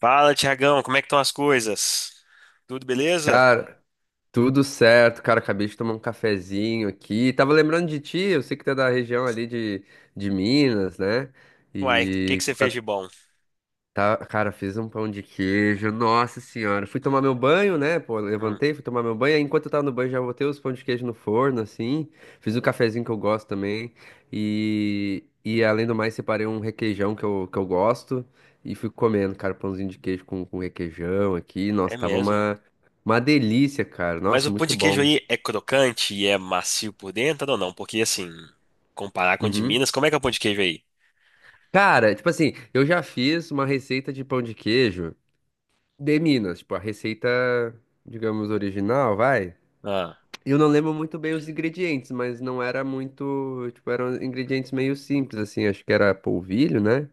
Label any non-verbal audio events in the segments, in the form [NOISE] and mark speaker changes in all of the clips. Speaker 1: Fala, Tiagão, como é que estão as coisas? Tudo beleza?
Speaker 2: Cara, tudo certo, cara. Acabei de tomar um cafezinho aqui. Tava lembrando de ti, eu sei que tu é da região ali de Minas, né?
Speaker 1: Uai, o que que
Speaker 2: E
Speaker 1: você fez de bom?
Speaker 2: tá, cara, fiz um pão de queijo. Nossa senhora. Fui tomar meu banho, né? Pô,
Speaker 1: Hum,
Speaker 2: levantei, fui tomar meu banho. Aí Enquanto eu tava no banho, já botei os pão de queijo no forno, assim. Fiz o cafezinho que eu gosto também. E além do mais, separei um requeijão que eu gosto. E fui comendo, cara, pãozinho de queijo com requeijão aqui.
Speaker 1: é
Speaker 2: Nossa,
Speaker 1: mesmo.
Speaker 2: uma delícia, cara.
Speaker 1: Mas
Speaker 2: Nossa,
Speaker 1: o pão
Speaker 2: muito
Speaker 1: de queijo
Speaker 2: bom.
Speaker 1: aí é crocante e é macio por dentro ou não? Porque assim, comparar com o de
Speaker 2: Uhum.
Speaker 1: Minas, como é que é o pão de queijo aí?
Speaker 2: Cara, tipo assim, eu já fiz uma receita de pão de queijo de Minas. Tipo, a receita, digamos, original, vai.
Speaker 1: Ah,
Speaker 2: Eu não lembro muito bem os ingredientes, mas não era muito, tipo, eram ingredientes meio simples, assim, acho que era polvilho, né?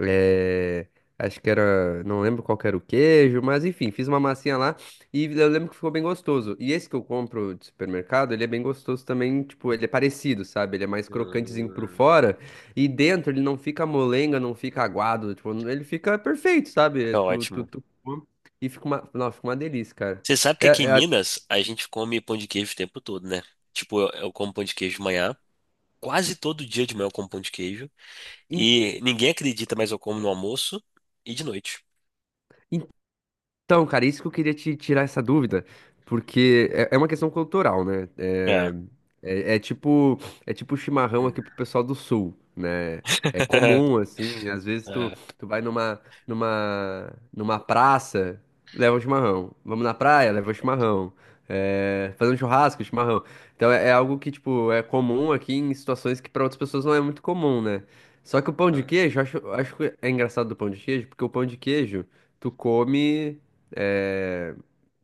Speaker 2: É, acho que era, não lembro qual que era o queijo, mas enfim, fiz uma massinha lá e eu lembro que ficou bem gostoso. E esse que eu compro de supermercado, ele é bem gostoso também, tipo, ele é parecido, sabe? Ele é mais crocantezinho por
Speaker 1: hum,
Speaker 2: fora e dentro ele não fica molenga, não fica aguado, tipo, ele fica perfeito, sabe?
Speaker 1: é
Speaker 2: Tu, tu,
Speaker 1: ótimo.
Speaker 2: tu, come e fica uma, não, fica uma delícia, cara.
Speaker 1: Você sabe que
Speaker 2: É,
Speaker 1: aqui em
Speaker 2: é,
Speaker 1: Minas a gente come pão de queijo o tempo todo, né? Tipo, eu como pão de queijo de manhã, quase todo dia de manhã eu como pão de queijo e ninguém acredita, mas eu como no almoço e de noite.
Speaker 2: Então, cara, isso que eu queria te tirar essa dúvida, porque é uma questão cultural, né?
Speaker 1: É.
Speaker 2: É- é tipo É tipo chimarrão
Speaker 1: Hum.
Speaker 2: aqui pro pessoal do sul, né? É comum,
Speaker 1: [LAUGHS]
Speaker 2: assim, tu vai numa praça, leva um chimarrão. Vamos na praia, leva um chimarrão. É, fazer um churrasco, chimarrão. Então é algo que, tipo, é comum aqui em situações que para outras pessoas não é muito comum, né? Só que o pão de queijo, eu acho que é engraçado do pão de queijo, porque o pão de queijo, tu come é,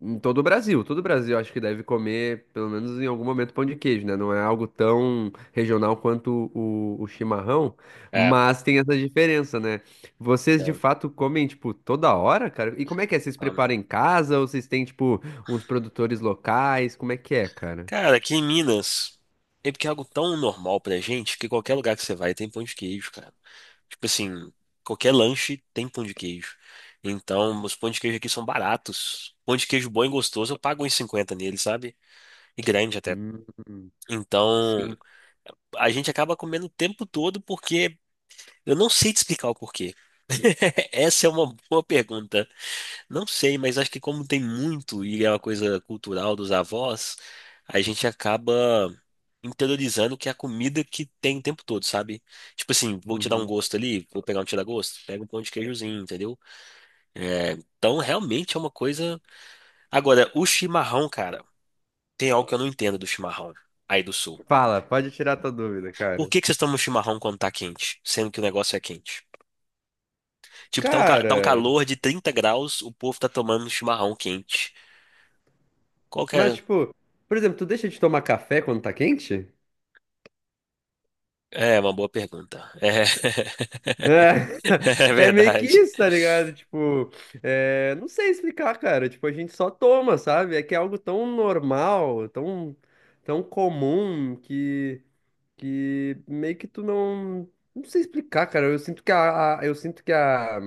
Speaker 2: em todo o Brasil. Todo o Brasil acho que deve comer, pelo menos em algum momento, pão de queijo, né? Não é algo tão regional quanto o chimarrão,
Speaker 1: É,
Speaker 2: mas tem essa diferença, né? Vocês de
Speaker 1: é,
Speaker 2: fato comem, tipo, toda hora, cara? E como é que é? Vocês
Speaker 1: um,
Speaker 2: preparam em casa ou vocês têm, tipo, uns produtores locais? Como é que é, cara?
Speaker 1: cara, aqui em Minas, é porque é algo tão normal pra gente que qualquer lugar que você vai tem pão de queijo, cara. Tipo assim, qualquer lanche tem pão de queijo. Então, os pão de queijo aqui são baratos. Pão de queijo bom e gostoso, eu pago uns 50 nele, sabe? E grande até.
Speaker 2: Hum,
Speaker 1: Então,
Speaker 2: sim.
Speaker 1: a gente acaba comendo o tempo todo porque eu não sei te explicar o porquê. [LAUGHS] Essa é uma boa pergunta. Não sei, mas acho que como tem muito e é uma coisa cultural dos avós, a gente acaba interiorizando que é a comida que tem o tempo todo, sabe? Tipo assim, vou tirar um
Speaker 2: Uhum.
Speaker 1: gosto ali, vou pegar um tira-gosto, pega um pão de queijozinho, entendeu? É, então realmente é uma coisa. Agora, o chimarrão, cara, tem algo que eu não entendo do chimarrão aí do sul.
Speaker 2: Fala, pode tirar tua dúvida,
Speaker 1: Por
Speaker 2: cara.
Speaker 1: que que vocês tomam chimarrão quando tá quente, sendo que o negócio é quente? Tipo, tá um
Speaker 2: Cara,
Speaker 1: calor de 30 graus, o povo tá tomando um chimarrão quente. Qual que
Speaker 2: mas
Speaker 1: é?
Speaker 2: tipo, por exemplo, tu deixa de tomar café quando tá quente?
Speaker 1: É, uma boa pergunta. É,
Speaker 2: É,
Speaker 1: [LAUGHS] é
Speaker 2: [LAUGHS] é meio que
Speaker 1: verdade.
Speaker 2: isso, tá ligado? Tipo, é, não sei explicar, cara. Tipo, a gente só toma, sabe? É que é algo tão normal, tão, tão comum que meio que tu não. Não sei explicar, cara. Eu sinto que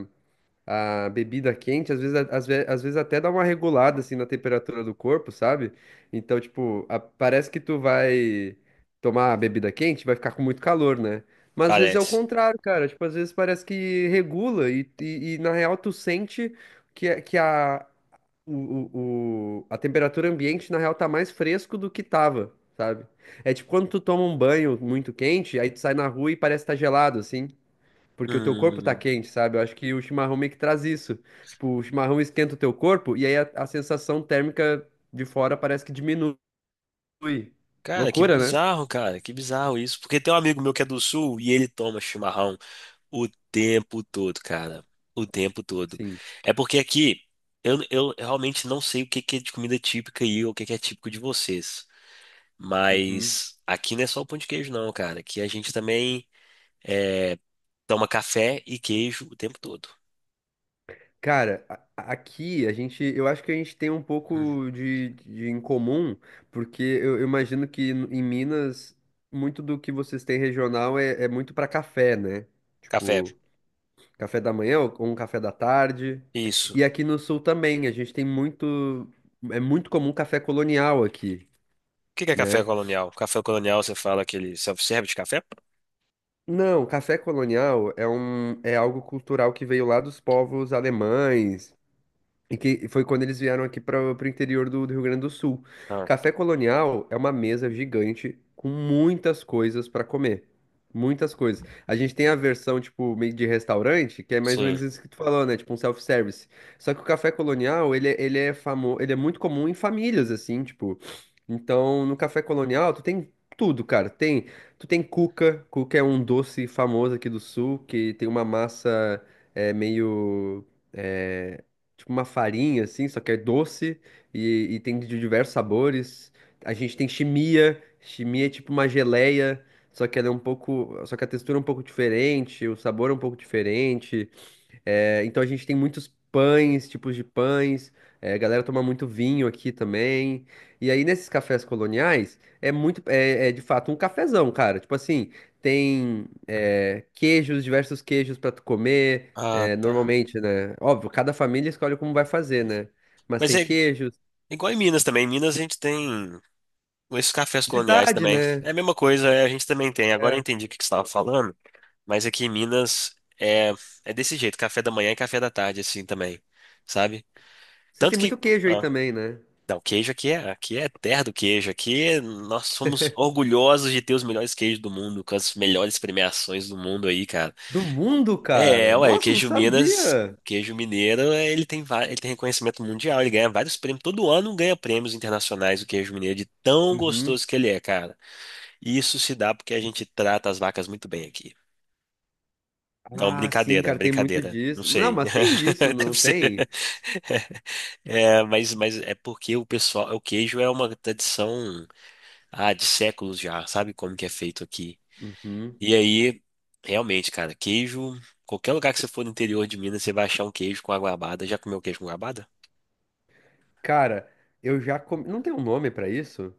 Speaker 2: a bebida quente, às vezes, a- às ve- às vezes até dá uma regulada assim na temperatura do corpo, sabe? Então, tipo, a- parece que tu vai tomar a bebida quente, vai ficar com muito calor, né? Mas às vezes é o
Speaker 1: Parece.
Speaker 2: contrário, cara. Tipo, às vezes parece que regula na real tu sente que o, o- a temperatura ambiente, na real, tá mais fresco do que tava, sabe? É tipo quando tu toma um banho muito quente, aí tu sai na rua e parece que tá gelado, assim. Porque o teu corpo tá
Speaker 1: Hum,
Speaker 2: quente, sabe? Eu acho que o chimarrão meio que traz isso. Tipo, o chimarrão esquenta o teu corpo e aí a sensação térmica de fora parece que diminui. Loucura, né?
Speaker 1: cara, que bizarro isso. Porque tem um amigo meu que é do sul e ele toma chimarrão o tempo todo, cara. O tempo todo.
Speaker 2: Sim.
Speaker 1: É porque aqui eu realmente não sei o que que é de comida típica aí ou o que que é típico de vocês.
Speaker 2: Uhum.
Speaker 1: Mas aqui não é só o pão de queijo, não, cara. Aqui a gente também. é, Toma café e queijo o tempo todo.
Speaker 2: Cara, aqui a gente, eu acho que a gente tem um
Speaker 1: Uhum.
Speaker 2: pouco de em comum, porque eu imagino que n- em Minas, muito do que vocês têm regional é muito pra café, né?
Speaker 1: Café,
Speaker 2: Tipo. Café da manhã ou um café da tarde.
Speaker 1: isso.
Speaker 2: E
Speaker 1: O
Speaker 2: aqui no sul também, a gente tem muito. É muito comum café colonial aqui,
Speaker 1: que que é café
Speaker 2: né?
Speaker 1: colonial? Café colonial, você fala aquele self-service de café?
Speaker 2: Não, café colonial é um, é algo cultural que veio lá dos povos alemães, e que foi quando eles vieram aqui para o interior do Rio Grande do Sul.
Speaker 1: Ah,
Speaker 2: Café colonial é uma mesa gigante com muitas coisas para comer. Muitas coisas. A gente tem a versão, tipo, meio de restaurante, que é mais ou
Speaker 1: sim.
Speaker 2: menos isso que tu falou, né? Tipo um self-service. Só que o café colonial, ele é famo... ele é muito comum em famílias, assim, tipo. Então, no café colonial, tu tem tudo, cara. Tem, tu tem cuca. Cuca é um doce famoso aqui do sul, que tem uma massa é, meio. é, tipo uma farinha, assim, só que é doce e tem de diversos sabores. A gente tem chimia, chimia é tipo uma geleia, só que a textura é um pouco diferente, o sabor é um pouco diferente. É, então a gente tem muitos pães, tipos de pães. É, a galera toma muito vinho aqui também. E aí nesses cafés coloniais é muito, é, é de fato um cafezão, cara. Tipo assim, tem é, queijos, diversos queijos pra tu comer.
Speaker 1: Ah,
Speaker 2: É,
Speaker 1: tá.
Speaker 2: normalmente, né? Óbvio, cada família escolhe como vai fazer, né? Mas
Speaker 1: Mas
Speaker 2: tem
Speaker 1: é
Speaker 2: queijos.
Speaker 1: igual em Minas também. Em Minas a gente tem esses cafés coloniais
Speaker 2: Verdade,
Speaker 1: também.
Speaker 2: né?
Speaker 1: É a mesma coisa, é, a gente também tem. Agora eu
Speaker 2: É.
Speaker 1: entendi o que que você estava falando, mas aqui em Minas é, é desse jeito, café da manhã e café da tarde, assim também, sabe?
Speaker 2: Vocês
Speaker 1: Tanto
Speaker 2: têm muito
Speaker 1: que.
Speaker 2: queijo aí
Speaker 1: Ah,
Speaker 2: também, né?
Speaker 1: não, queijo aqui é terra do queijo. Aqui nós somos orgulhosos de ter os melhores queijos do mundo, com as melhores premiações do mundo aí, cara.
Speaker 2: Do mundo,
Speaker 1: É,
Speaker 2: cara.
Speaker 1: ué, o
Speaker 2: Nossa, eu não
Speaker 1: queijo Minas, o
Speaker 2: sabia.
Speaker 1: queijo mineiro, é, ele tem, ele tem reconhecimento mundial, ele ganha vários prêmios. Todo ano ganha prêmios internacionais o queijo mineiro, de tão
Speaker 2: Uhum.
Speaker 1: gostoso que ele é, cara. E isso se dá porque a gente trata as vacas muito bem aqui. Não,
Speaker 2: Ah, sim,
Speaker 1: brincadeira,
Speaker 2: cara, tem muito
Speaker 1: brincadeira. Não
Speaker 2: disso. Não,
Speaker 1: sei.
Speaker 2: mas tem disso,
Speaker 1: [LAUGHS]
Speaker 2: não
Speaker 1: Deve ser.
Speaker 2: tem?
Speaker 1: É, mas é porque o pessoal, o queijo é uma tradição. Ah, de séculos já, sabe como que é feito aqui.
Speaker 2: Uhum.
Speaker 1: E aí, realmente, cara, queijo, qualquer lugar que você for no interior de Minas, você vai achar um queijo com a goiabada. Já comeu queijo com goiabada?
Speaker 2: Cara, eu já comi. Não tem um nome pra isso?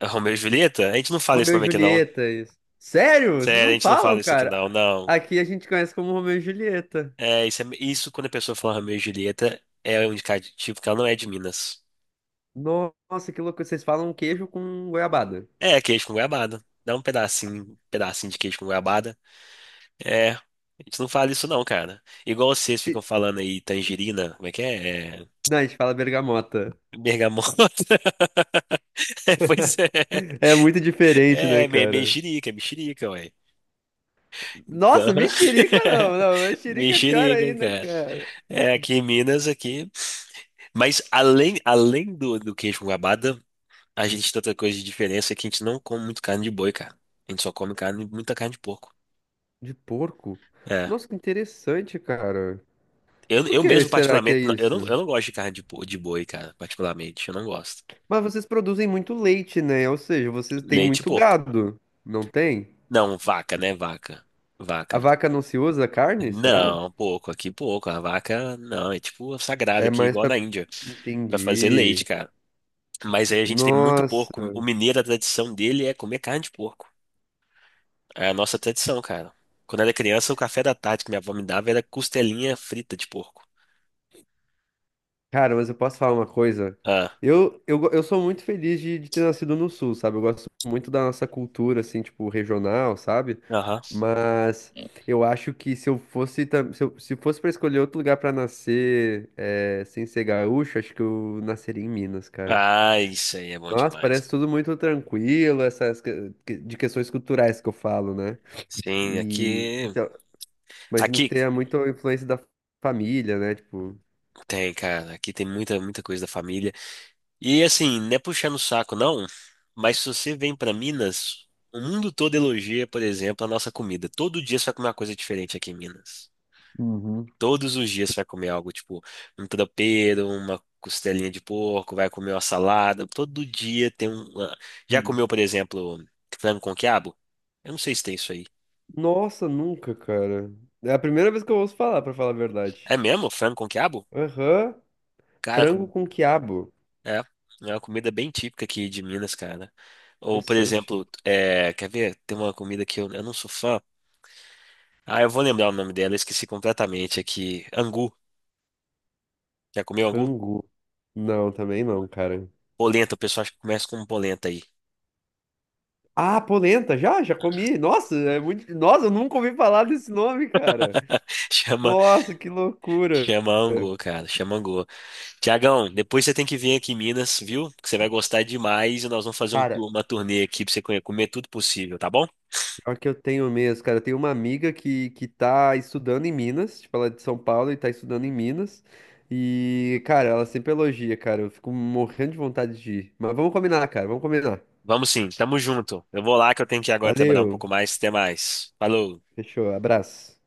Speaker 1: É Romeu e [LAUGHS] Julieta? A gente não fala esse
Speaker 2: Romeu e
Speaker 1: nome aqui não.
Speaker 2: Julieta. Isso. Sério? Vocês
Speaker 1: Sério, a
Speaker 2: não
Speaker 1: gente não
Speaker 2: falam,
Speaker 1: fala isso aqui não,
Speaker 2: cara?
Speaker 1: não.
Speaker 2: Aqui a gente conhece como Romeu e Julieta.
Speaker 1: É, isso, isso quando a pessoa fala Romeu e Julieta é um indicativo que ela não é de Minas.
Speaker 2: Nossa, que louco. Vocês falam queijo com goiabada.
Speaker 1: É, queijo com goiabada. Dá um pedacinho de queijo com goiabada. É, a gente não fala isso não, cara. Igual vocês ficam
Speaker 2: Se-
Speaker 1: falando aí tangerina, como é que é? É,
Speaker 2: não, a gente fala bergamota.
Speaker 1: bergamota. [LAUGHS] É, pois é.
Speaker 2: É muito diferente, né,
Speaker 1: É,
Speaker 2: cara?
Speaker 1: mexerica, mexerica, ué. Então,
Speaker 2: Nossa, mexerica
Speaker 1: [LAUGHS]
Speaker 2: não, não. Mexerica é pior
Speaker 1: mexerica,
Speaker 2: ainda,
Speaker 1: cara.
Speaker 2: cara.
Speaker 1: É, aqui em Minas, aqui. Mas além do, do queijo com goiabada, a gente tem outra coisa de diferença é que a gente não come muito carne de boi, cara. A gente só come carne, muita carne de porco.
Speaker 2: De porco?
Speaker 1: É.
Speaker 2: Nossa, que interessante, cara.
Speaker 1: Eu,
Speaker 2: Por
Speaker 1: eu
Speaker 2: que
Speaker 1: mesmo,
Speaker 2: será que é
Speaker 1: particularmente, eu não,
Speaker 2: isso?
Speaker 1: eu não gosto de carne de, de boi, cara, particularmente. Eu não gosto.
Speaker 2: Mas vocês produzem muito leite, né? Ou seja, vocês têm
Speaker 1: Leite e
Speaker 2: muito
Speaker 1: porco.
Speaker 2: gado, não tem?
Speaker 1: Não, vaca, né? Vaca.
Speaker 2: A
Speaker 1: Vaca.
Speaker 2: vaca não se usa carne, será?
Speaker 1: Não, pouco, aqui pouco. A vaca, não, é tipo sagrada
Speaker 2: É
Speaker 1: aqui,
Speaker 2: mais
Speaker 1: igual na
Speaker 2: pra.
Speaker 1: Índia, pra fazer leite,
Speaker 2: Entendi.
Speaker 1: cara. Mas aí a gente tem muito
Speaker 2: Nossa.
Speaker 1: porco. O mineiro, a tradição dele é comer carne de porco. É a nossa tradição, cara. Quando eu era criança, o café da tarde que minha avó me dava era costelinha frita de porco.
Speaker 2: Cara, mas eu posso falar uma coisa?
Speaker 1: Ah,
Speaker 2: Eu sou muito feliz de ter nascido no Sul, sabe? Eu gosto muito da nossa cultura, assim, tipo, regional, sabe?
Speaker 1: aham.
Speaker 2: Mas eu acho que se eu fosse, tam- se eu- se fosse pra escolher outro lugar pra nascer, sem ser gaúcho, acho que eu nasceria em Minas, cara.
Speaker 1: Ah, isso aí é bom
Speaker 2: Nossa,
Speaker 1: demais.
Speaker 2: parece tudo muito tranquilo, essas de questões culturais que eu falo, né?
Speaker 1: Sim,
Speaker 2: E
Speaker 1: aqui.
Speaker 2: então, imagino que
Speaker 1: Aqui
Speaker 2: tenha muita influência da família, né? Tipo,
Speaker 1: tem, cara. Aqui tem muita, muita coisa da família. E assim, não é puxando o saco, não, mas se você vem pra Minas, o mundo todo elogia, por exemplo, a nossa comida. Todo dia você vai comer uma coisa diferente aqui em Minas.
Speaker 2: Uhum.
Speaker 1: Todos os dias você vai comer algo, tipo, um tropeiro, uma costelinha de porco, vai comer uma salada. Todo dia tem já
Speaker 2: Uhum.
Speaker 1: comeu, por exemplo, frango com quiabo? Eu não sei se tem isso aí.
Speaker 2: Nossa, nunca, cara. É a primeira vez que eu ouço falar, pra falar a
Speaker 1: É
Speaker 2: verdade.
Speaker 1: mesmo? Frango com quiabo?
Speaker 2: Aham.
Speaker 1: Cara,
Speaker 2: Frango
Speaker 1: com-
Speaker 2: com quiabo.
Speaker 1: É. É uma comida bem típica aqui de Minas, cara. Ou, por
Speaker 2: Interessante.
Speaker 1: exemplo, é, quer ver? Tem uma comida que eu não sou fã. Ah, eu vou lembrar o nome dela, eu esqueci completamente aqui. Angu. Já comeu angu?
Speaker 2: Angu. Não, também não, cara.
Speaker 1: Polenta, o pessoal acha que começa com polenta aí.
Speaker 2: Ah, polenta, já, já comi. Nossa, é muito. Nossa, eu nunca ouvi falar desse nome, cara.
Speaker 1: [LAUGHS] Chama,
Speaker 2: Nossa, que loucura.
Speaker 1: chama angu, cara, chama angu. Tiagão, depois você tem que vir aqui em Minas, viu? Que você vai gostar demais e nós vamos fazer um
Speaker 2: Cara,
Speaker 1: uma turnê aqui pra você comer comer tudo possível, tá bom?
Speaker 2: pior que eu tenho mesmo, cara. Eu tenho uma amiga que tá estudando em Minas, tipo, ela é de São Paulo e tá estudando em Minas. E, cara, ela sempre elogia, cara. Eu fico morrendo de vontade de ir. Mas vamos combinar, cara, vamos combinar.
Speaker 1: Vamos sim, tamo junto. Eu vou lá que eu tenho que ir agora trabalhar um
Speaker 2: Valeu,
Speaker 1: pouco mais. Até mais. Falou.
Speaker 2: fechou, abraço.